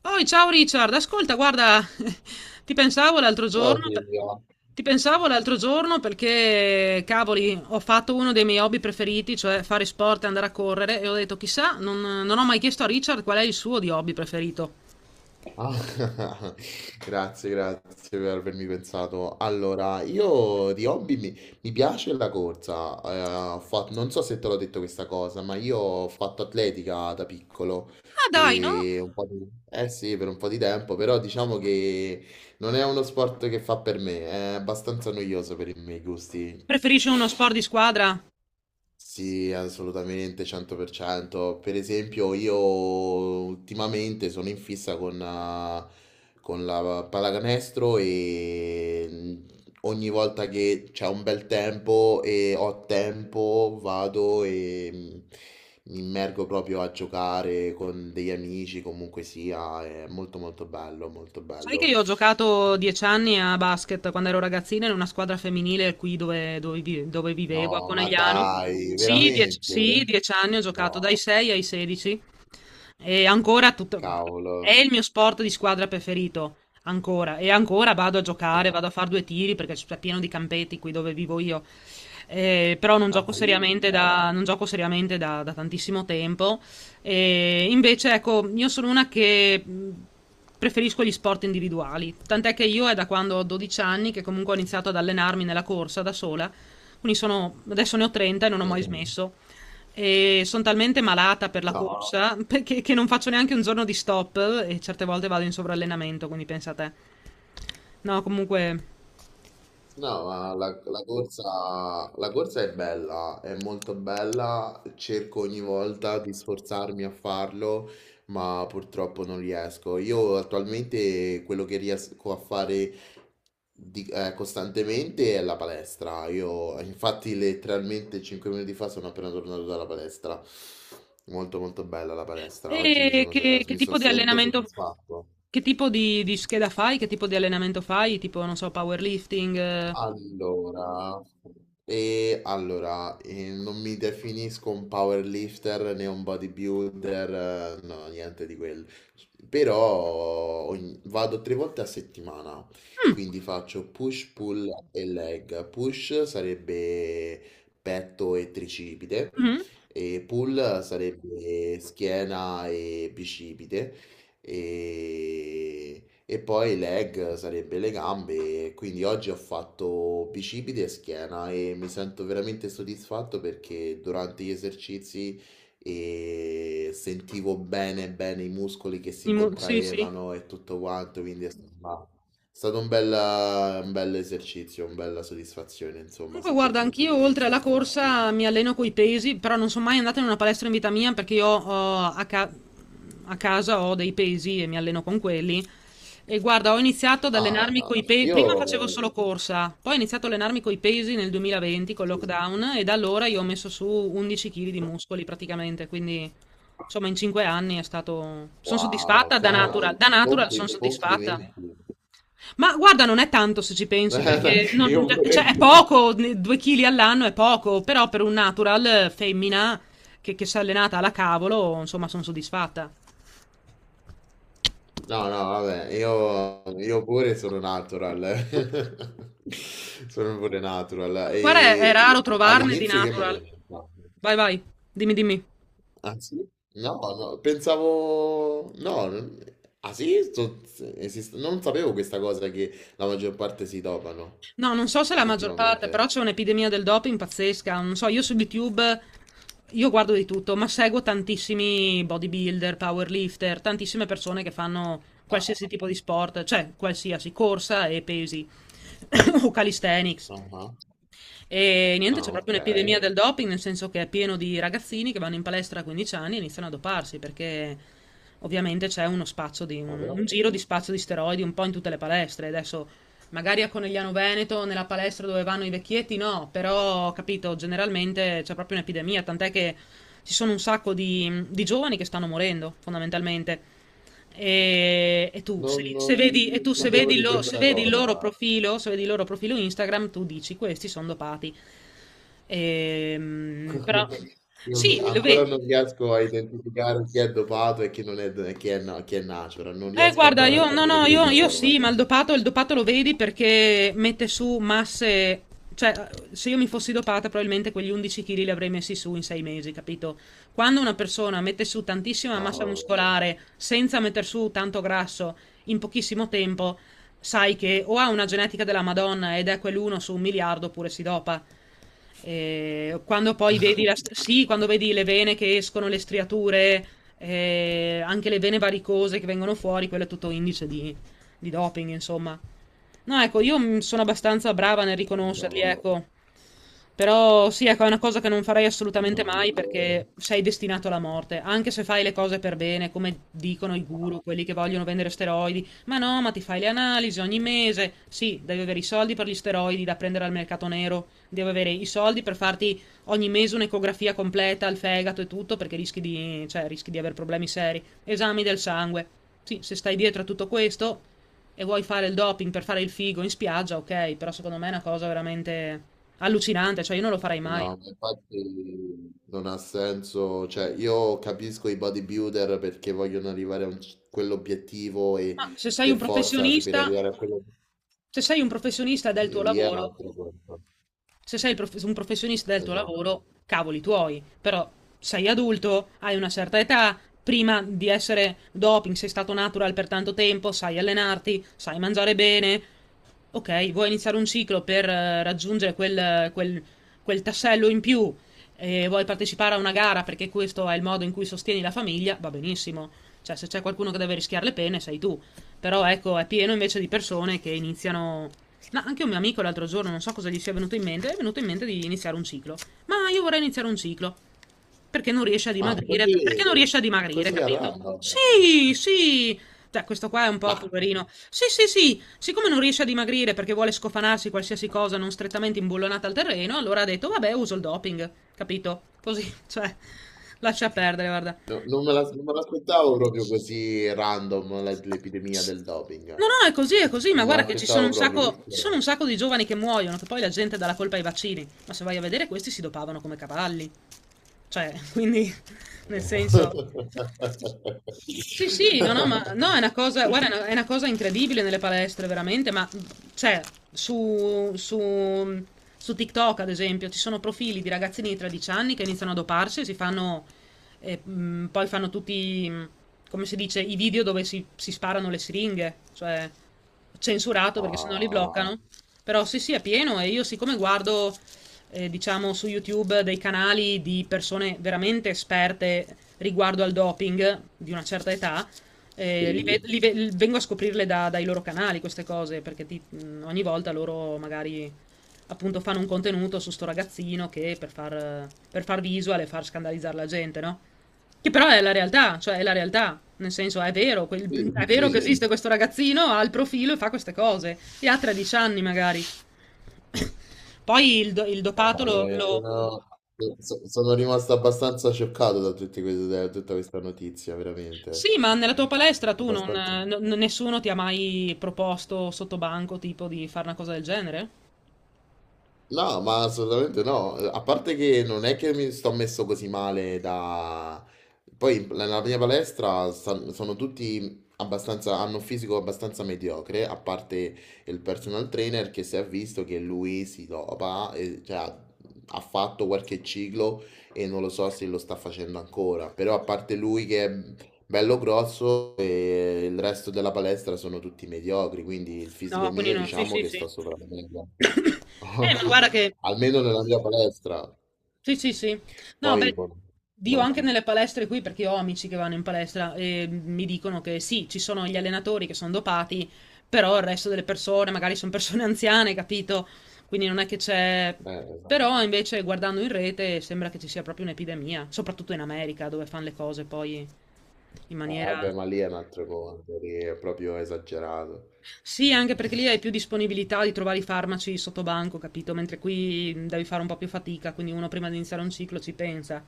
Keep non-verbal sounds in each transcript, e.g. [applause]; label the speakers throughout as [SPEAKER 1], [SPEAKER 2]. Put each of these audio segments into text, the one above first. [SPEAKER 1] Poi, ciao Richard, ascolta, guarda, [laughs] ti pensavo l'altro
[SPEAKER 2] Ciao
[SPEAKER 1] giorno,
[SPEAKER 2] Silvia.
[SPEAKER 1] ti pensavo l'altro giorno perché, cavoli, ho fatto uno dei miei hobby preferiti, cioè fare sport e andare a correre, e ho detto, chissà, non ho mai chiesto a Richard qual è il suo di hobby preferito.
[SPEAKER 2] Ah, [laughs] grazie per avermi pensato. Allora, io di hobby mi piace la corsa. Non so se te l'ho detto questa cosa, ma io ho fatto atletica da piccolo
[SPEAKER 1] Ah, dai, no?
[SPEAKER 2] per un po' di, eh sì, per un po' di tempo, però diciamo che non è uno sport che fa per me, è abbastanza noioso per i miei gusti.
[SPEAKER 1] Preferisce uno sport di squadra?
[SPEAKER 2] Sì, assolutamente, 100%. Per cento. Per esempio, io ultimamente sono in fissa con la pallacanestro ogni volta che c'è un bel tempo e ho tempo vado mi immergo proprio a giocare con degli amici, comunque sia, è molto molto bello, molto
[SPEAKER 1] Sai che
[SPEAKER 2] bello.
[SPEAKER 1] io ho giocato 10 anni a basket quando ero ragazzina in una squadra femminile qui dove vivevo, a
[SPEAKER 2] No, ma
[SPEAKER 1] Conegliano.
[SPEAKER 2] dai,
[SPEAKER 1] Sì, dieci, sì,
[SPEAKER 2] veramente?
[SPEAKER 1] 10 anni ho giocato dai
[SPEAKER 2] No,
[SPEAKER 1] 6 ai 16 e ancora tutto- è
[SPEAKER 2] cavolo.
[SPEAKER 1] il mio sport di squadra preferito, ancora. E ancora vado a
[SPEAKER 2] No.
[SPEAKER 1] giocare, vado a fare due tiri perché c'è pieno di campetti qui dove vivo io. Però
[SPEAKER 2] Ah sì?
[SPEAKER 1] non gioco seriamente da tantissimo tempo. E invece, ecco, io sono una che preferisco gli sport individuali. Tant'è che io è da quando ho 12 anni che comunque ho iniziato ad allenarmi nella corsa da sola. Quindi sono, adesso ne ho 30 e non ho mai Mm.
[SPEAKER 2] Mm.
[SPEAKER 1] smesso. E sono talmente malata per la
[SPEAKER 2] No,
[SPEAKER 1] corsa [laughs] che non faccio neanche un giorno di stop e certe volte vado in sovrallenamento, quindi pensa a te. No, comunque.
[SPEAKER 2] no, ma la corsa è bella, è molto bella, cerco ogni volta di sforzarmi a farlo, ma purtroppo non riesco. Io attualmente quello che riesco a fare costantemente è la palestra. Io infatti letteralmente 5 minuti fa sono appena tornato dalla palestra. Molto molto bella la palestra. Oggi mi
[SPEAKER 1] E
[SPEAKER 2] sono,
[SPEAKER 1] che
[SPEAKER 2] mi so-
[SPEAKER 1] tipo di
[SPEAKER 2] sento
[SPEAKER 1] allenamento,
[SPEAKER 2] soddisfatto.
[SPEAKER 1] che tipo di scheda fai? Che tipo di allenamento fai? Tipo, non so, powerlifting?
[SPEAKER 2] Allora, non mi definisco un powerlifter né un bodybuilder, no, niente di quello. Però vado tre volte a settimana,
[SPEAKER 1] Mm.
[SPEAKER 2] quindi faccio push, pull e leg. Push sarebbe petto e tricipite,
[SPEAKER 1] Mh-mh.
[SPEAKER 2] e pull sarebbe schiena e bicipite. E e poi leg sarebbe le gambe, quindi oggi ho fatto bicipiti e schiena e mi sento veramente soddisfatto perché durante gli esercizi sentivo bene bene i muscoli che
[SPEAKER 1] I
[SPEAKER 2] si
[SPEAKER 1] mu Sì, sì.
[SPEAKER 2] contraevano e tutto quanto, quindi è stato un bel esercizio, una bella soddisfazione, insomma,
[SPEAKER 1] Comunque
[SPEAKER 2] su quel
[SPEAKER 1] guarda,
[SPEAKER 2] punto
[SPEAKER 1] anch'io
[SPEAKER 2] di
[SPEAKER 1] oltre
[SPEAKER 2] vista,
[SPEAKER 1] alla
[SPEAKER 2] infatti.
[SPEAKER 1] corsa mi alleno coi pesi, però non son mai andata in una palestra in vita mia perché io ho a ca a casa ho dei pesi e mi alleno con quelli. E guarda, ho iniziato ad
[SPEAKER 2] Ah,
[SPEAKER 1] allenarmi
[SPEAKER 2] no,
[SPEAKER 1] coi pe
[SPEAKER 2] io...
[SPEAKER 1] prima facevo solo corsa, poi ho iniziato a allenarmi coi pesi nel 2020 col
[SPEAKER 2] sì.
[SPEAKER 1] lockdown e da allora io ho messo su 11 chili di muscoli praticamente, quindi insomma in 5 anni è stato son
[SPEAKER 2] Wow,
[SPEAKER 1] soddisfatta
[SPEAKER 2] cavolo,
[SPEAKER 1] da natural son soddisfatta.
[SPEAKER 2] complimenti.
[SPEAKER 1] Ma guarda, non è tanto se ci pensi, perché
[SPEAKER 2] [laughs] Io
[SPEAKER 1] cioè,
[SPEAKER 2] pure
[SPEAKER 1] è poco, due chili all'anno è poco, però per un natural femmina che si è allenata alla cavolo, insomma, sono soddisfatta.
[SPEAKER 2] no, no, vabbè, io pure sono natural. [laughs] Sono pure natural.
[SPEAKER 1] Guarda, è raro
[SPEAKER 2] E
[SPEAKER 1] trovarne di
[SPEAKER 2] all'inizio io me
[SPEAKER 1] natural.
[SPEAKER 2] ne no.
[SPEAKER 1] Vai, vai, dimmi, dimmi.
[SPEAKER 2] Ah, sì? No, no, pensavo no, ah sì? Non sapevo questa cosa che la maggior parte si dopano
[SPEAKER 1] No, non so se la maggior parte, però
[SPEAKER 2] ultimamente.
[SPEAKER 1] c'è un'epidemia del doping pazzesca. Non so, io su YouTube io guardo di tutto, ma seguo tantissimi bodybuilder, powerlifter, tantissime persone che fanno qualsiasi
[SPEAKER 2] Ah,
[SPEAKER 1] tipo di sport, cioè qualsiasi corsa e pesi [coughs] o calisthenics.
[SPEAKER 2] ah, ah,
[SPEAKER 1] E niente,
[SPEAKER 2] ah,
[SPEAKER 1] c'è
[SPEAKER 2] ok.
[SPEAKER 1] proprio un'epidemia del doping, nel senso che è pieno di ragazzini che vanno in palestra a 15 anni e iniziano a doparsi, perché ovviamente c'è uno
[SPEAKER 2] Ma però
[SPEAKER 1] un giro di spazio di steroidi un po' in tutte le palestre. Adesso magari a Conegliano Veneto, nella palestra dove vanno i vecchietti, no, però capito, generalmente c'è proprio un'epidemia, tant'è che ci sono un sacco di giovani che stanno morendo, fondamentalmente. E, e tu, se,
[SPEAKER 2] non,
[SPEAKER 1] se
[SPEAKER 2] non-
[SPEAKER 1] vedi, e tu
[SPEAKER 2] non
[SPEAKER 1] se
[SPEAKER 2] sapevo
[SPEAKER 1] vedi
[SPEAKER 2] di questa cosa.
[SPEAKER 1] se vedi il loro profilo Instagram, tu dici questi sono dopati. Però
[SPEAKER 2] [laughs] Io
[SPEAKER 1] sì,
[SPEAKER 2] non-
[SPEAKER 1] lo
[SPEAKER 2] Ancora
[SPEAKER 1] vedi.
[SPEAKER 2] non riesco a identificare chi è dopato e chi non è, e chi è, chi è natural, non riesco
[SPEAKER 1] Guarda,
[SPEAKER 2] ancora a
[SPEAKER 1] io no,
[SPEAKER 2] capire
[SPEAKER 1] no,
[SPEAKER 2] questa
[SPEAKER 1] io
[SPEAKER 2] cosa.
[SPEAKER 1] sì, ma il dopato lo vedi perché mette su masse. Cioè, se io mi fossi dopata, probabilmente quegli 11 chili li avrei messi su in 6 mesi, capito? Quando una persona mette su tantissima massa
[SPEAKER 2] Cavolo,
[SPEAKER 1] muscolare senza metter su tanto grasso in pochissimo tempo, sai che o ha una genetica della Madonna ed è quell'uno su un miliardo oppure si dopa. E quando poi sì, quando vedi le vene che escono, le striature, anche le vene varicose che vengono fuori, quello è tutto indice di doping, insomma. No, ecco, io sono abbastanza brava nel riconoscerli,
[SPEAKER 2] madonna,
[SPEAKER 1] ecco. Però sì, ecco, è una cosa che non farei assolutamente
[SPEAKER 2] no,
[SPEAKER 1] mai perché sei destinato alla morte, anche se fai le cose per bene, come dicono i guru, quelli che vogliono vendere steroidi. Ma no, ma ti fai le analisi ogni mese. Sì, devi avere i soldi per gli steroidi da prendere al mercato nero, devi avere i soldi per farti ogni mese un'ecografia completa al fegato e tutto perché rischi di, cioè, rischi di avere problemi seri. Esami del sangue. Sì, se stai dietro a tutto questo e vuoi fare il doping per fare il figo in spiaggia, ok, però secondo me è una cosa veramente... Allucinante, cioè io non lo farei mai.
[SPEAKER 2] no, ma infatti non ha senso, cioè io capisco i bodybuilder perché vogliono arrivare a quell'obiettivo e
[SPEAKER 1] Ma se sei
[SPEAKER 2] per
[SPEAKER 1] un
[SPEAKER 2] forza se per
[SPEAKER 1] professionista
[SPEAKER 2] arrivare a quello
[SPEAKER 1] Se sei un professionista del tuo
[SPEAKER 2] lì è un
[SPEAKER 1] lavoro
[SPEAKER 2] altro conto.
[SPEAKER 1] Se sei prof- Un professionista del tuo
[SPEAKER 2] Esatto.
[SPEAKER 1] lavoro, cavoli tuoi, però sei adulto, hai una certa età, prima di essere doping sei stato natural per tanto tempo, sai allenarti, sai mangiare bene. Ok, vuoi iniziare un ciclo per raggiungere quel tassello in più e vuoi partecipare a una gara perché questo è il modo in cui sostieni la famiglia, va benissimo. Cioè, se c'è qualcuno che deve rischiare le pene, sei tu. Però ecco, è pieno invece di persone che iniziano No, anche un mio amico l'altro giorno, non so cosa gli sia venuto in mente, è venuto in mente di iniziare un ciclo. Ma io vorrei iniziare un ciclo.
[SPEAKER 2] Ah,
[SPEAKER 1] Perché
[SPEAKER 2] così,
[SPEAKER 1] non riesce a dimagrire,
[SPEAKER 2] così a
[SPEAKER 1] capito?
[SPEAKER 2] random.
[SPEAKER 1] Sì, sì. Cioè, questo qua è un
[SPEAKER 2] Ma
[SPEAKER 1] po' poverino. Sì, sì, sì. Siccome non riesce a dimagrire perché vuole scofanarsi qualsiasi cosa non strettamente imbullonata al terreno, allora ha detto, vabbè, uso il doping, capito? Così, [laughs] cioè, lascia perdere, guarda.
[SPEAKER 2] no, non me l'aspettavo proprio così random l'epidemia del doping.
[SPEAKER 1] No, no, è così, ma
[SPEAKER 2] Non me
[SPEAKER 1] guarda che
[SPEAKER 2] l'aspettavo proprio. Questo
[SPEAKER 1] ci sono
[SPEAKER 2] è-
[SPEAKER 1] un sacco di giovani che muoiono, che poi la gente dà la colpa ai vaccini, ma se vai a vedere questi si dopavano come cavalli, cioè, quindi, [laughs] nel
[SPEAKER 2] Madò.
[SPEAKER 1] senso, sì, sì, no, no, ma no,
[SPEAKER 2] [laughs]
[SPEAKER 1] è una cosa, guarda, è una cosa incredibile nelle palestre, veramente, ma cioè, su, su, su TikTok, ad esempio, ci sono profili di ragazzini di 13 anni che iniziano a doparsi e si fanno, poi fanno tutti, come si dice, i video dove si sparano le siringhe, cioè censurato
[SPEAKER 2] Ma
[SPEAKER 1] perché sennò li bloccano. Però sì, sì, è pieno e io siccome guardo diciamo su YouTube dei canali di persone veramente esperte riguardo al doping di una certa età.
[SPEAKER 2] sì,
[SPEAKER 1] Vengo a scoprirle dai loro canali queste cose perché ogni volta loro magari appunto fanno un contenuto su sto ragazzino che per far visual e far scandalizzare la gente, no? Che però è la realtà, cioè è la realtà, nel senso è vero,
[SPEAKER 2] sì,
[SPEAKER 1] è vero che Sì.
[SPEAKER 2] sì,
[SPEAKER 1] esiste questo ragazzino, ha il profilo e fa queste cose, e ha 13 anni magari. Poi il, do- il
[SPEAKER 2] ma,
[SPEAKER 1] dopato lo,
[SPEAKER 2] eh,
[SPEAKER 1] lo-
[SPEAKER 2] sono, sono rimasto abbastanza scioccato da tutti da tutta questa notizia, veramente.
[SPEAKER 1] Sì, ma nella tua palestra tu non,
[SPEAKER 2] Abbastanza.
[SPEAKER 1] n- nessuno ti ha mai proposto sotto banco tipo di fare una cosa del genere?
[SPEAKER 2] No, ma assolutamente no. A parte che non è che mi sto messo così male da... Poi nella mia palestra sono tutti abbastanza, hanno un fisico abbastanza mediocre, a parte il personal trainer che si è visto che lui si dopa, e, cioè ha fatto qualche ciclo e non lo so se lo sta facendo ancora, però a parte lui che è bello grosso e il resto della palestra sono tutti mediocri, quindi il fisico
[SPEAKER 1] No, quindi
[SPEAKER 2] mio
[SPEAKER 1] no, sì,
[SPEAKER 2] diciamo
[SPEAKER 1] sì,
[SPEAKER 2] che
[SPEAKER 1] sì.
[SPEAKER 2] sto sopra la media.
[SPEAKER 1] [coughs] Ma guarda che...
[SPEAKER 2] [laughs] Almeno nella mia palestra.
[SPEAKER 1] Sì, sì, sì. No,
[SPEAKER 2] Poi,
[SPEAKER 1] beh,
[SPEAKER 2] boh,
[SPEAKER 1] io
[SPEAKER 2] non
[SPEAKER 1] anche
[SPEAKER 2] so.
[SPEAKER 1] nelle palestre qui, perché io ho amici che vanno in palestra e mi dicono che sì, ci sono gli allenatori che sono dopati, però il resto delle persone, magari sono persone [laughs] anziane, capito? Quindi non è che c'è...
[SPEAKER 2] Esatto.
[SPEAKER 1] Però invece guardando in rete sembra che ci sia proprio un'epidemia, soprattutto in America dove fanno le cose poi... In maniera...
[SPEAKER 2] Vabbè, ma lì è un altro conto, lì è proprio esagerato.
[SPEAKER 1] Sì, anche perché lì hai più disponibilità di trovare i farmaci sotto banco, capito? Mentre qui devi fare un po' più fatica, quindi uno prima di iniziare un ciclo ci pensa.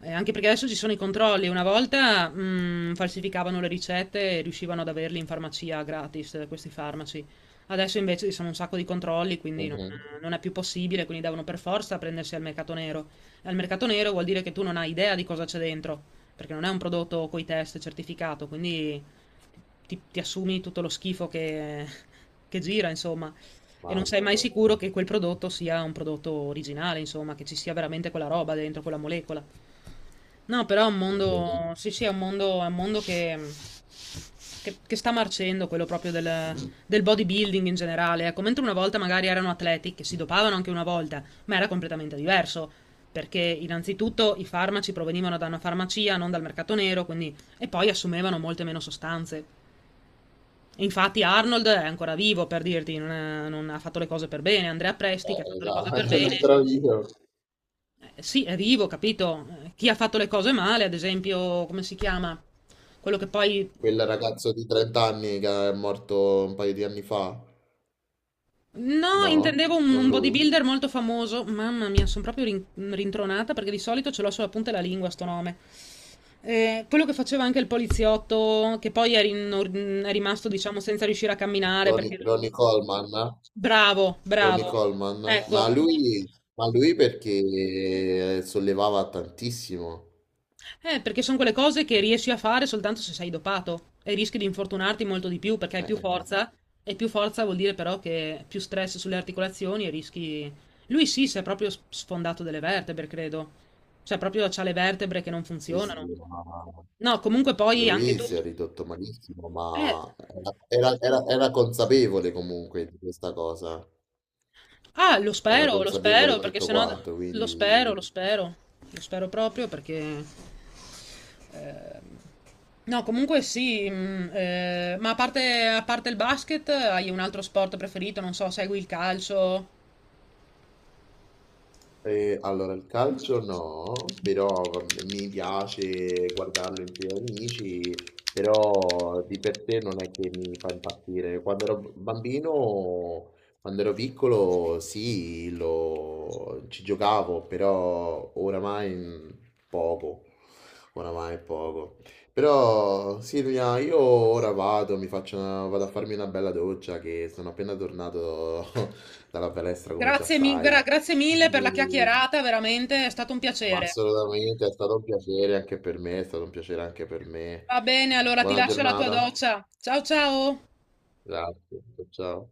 [SPEAKER 1] Anche perché adesso ci sono i controlli. Una volta falsificavano le ricette e riuscivano ad averli in farmacia gratis, questi farmaci. Adesso invece ci sono un sacco di controlli, quindi
[SPEAKER 2] Mhm.
[SPEAKER 1] non è più possibile, quindi devono per forza prendersi al mercato nero. E al mercato nero vuol dire che tu non hai idea di cosa c'è dentro, perché non è un prodotto coi test certificato, quindi ti assumi tutto lo schifo che gira, insomma, e non sei
[SPEAKER 2] Mamma
[SPEAKER 1] mai
[SPEAKER 2] mia.
[SPEAKER 1] sicuro che quel prodotto sia un prodotto originale, insomma, che ci sia veramente quella roba dentro quella molecola. No, però è un
[SPEAKER 2] Invece-
[SPEAKER 1] mondo, sì, sì, è un mondo, che sta marcendo, quello proprio del bodybuilding in generale. Ecco, mentre una volta magari erano atleti che si dopavano anche una volta, ma era completamente diverso. Perché innanzitutto i farmaci provenivano da una farmacia, non dal mercato nero, quindi... e poi assumevano molte meno sostanze. Infatti Arnold è ancora vivo, per dirti, non ha fatto le cose per bene. Andrea Presti, che ha fatto le cose
[SPEAKER 2] Esatto,
[SPEAKER 1] per
[SPEAKER 2] [laughs] è un
[SPEAKER 1] bene,
[SPEAKER 2] altro video.
[SPEAKER 1] sì, è vivo, capito? Chi ha fatto le cose male, ad esempio, come si chiama? Quello che poi...
[SPEAKER 2] Quel ragazzo di 30 anni che è morto un paio di anni fa.
[SPEAKER 1] No,
[SPEAKER 2] No?
[SPEAKER 1] intendevo
[SPEAKER 2] Non
[SPEAKER 1] un
[SPEAKER 2] lui?
[SPEAKER 1] bodybuilder molto famoso. Mamma mia, sono proprio rintronata perché di solito ce l'ho sulla punta della lingua sto nome. Quello che faceva anche il poliziotto, che poi è rimasto, diciamo, senza riuscire a camminare perché...
[SPEAKER 2] Ronnie Coleman?
[SPEAKER 1] Bravo,
[SPEAKER 2] Ronnie
[SPEAKER 1] bravo.
[SPEAKER 2] Coleman?
[SPEAKER 1] Ecco,
[SPEAKER 2] Ma lui perché sollevava tantissimo.
[SPEAKER 1] eh, perché sono quelle cose che riesci a fare soltanto se sei dopato e rischi di infortunarti molto di più perché hai
[SPEAKER 2] Eh,
[SPEAKER 1] più forza e più forza vuol dire però che più stress sulle articolazioni e rischi... Lui sì, si è proprio sfondato delle vertebre, credo. Cioè proprio c'ha le vertebre che non
[SPEAKER 2] sì, sì,
[SPEAKER 1] funzionano.
[SPEAKER 2] ma
[SPEAKER 1] No, comunque poi anche
[SPEAKER 2] lui
[SPEAKER 1] tu...
[SPEAKER 2] si è ridotto malissimo,
[SPEAKER 1] Eh,
[SPEAKER 2] ma era consapevole comunque di questa cosa,
[SPEAKER 1] ah,
[SPEAKER 2] era
[SPEAKER 1] lo spero,
[SPEAKER 2] consapevole
[SPEAKER 1] perché
[SPEAKER 2] tutto
[SPEAKER 1] sennò
[SPEAKER 2] quanto,
[SPEAKER 1] lo spero,
[SPEAKER 2] quindi...
[SPEAKER 1] lo spero, lo spero proprio perché... eh, no, comunque sì, ma a parte il basket, hai un altro sport preferito? Non so, segui il calcio?
[SPEAKER 2] Allora il calcio no, però va mi piace guardarlo insieme agli amici, però di per sé non è che mi fa impazzire. Quando ero b bambino, quando ero piccolo sì, lo ci giocavo, però oramai, poco. Oramai poco. Però Silvia, io ora vado, mi faccio una vado a farmi una bella doccia che sono appena tornato [laughs] dalla palestra come già
[SPEAKER 1] Grazie,
[SPEAKER 2] sai.
[SPEAKER 1] grazie mille per la
[SPEAKER 2] Quindi,
[SPEAKER 1] chiacchierata, veramente è stato un
[SPEAKER 2] ma
[SPEAKER 1] piacere.
[SPEAKER 2] assolutamente è stato un piacere anche per me, è stato un piacere anche per me.
[SPEAKER 1] Va bene, allora ti
[SPEAKER 2] Buona
[SPEAKER 1] lascio la tua
[SPEAKER 2] giornata.
[SPEAKER 1] doccia. Ciao ciao!
[SPEAKER 2] Grazie. Ciao.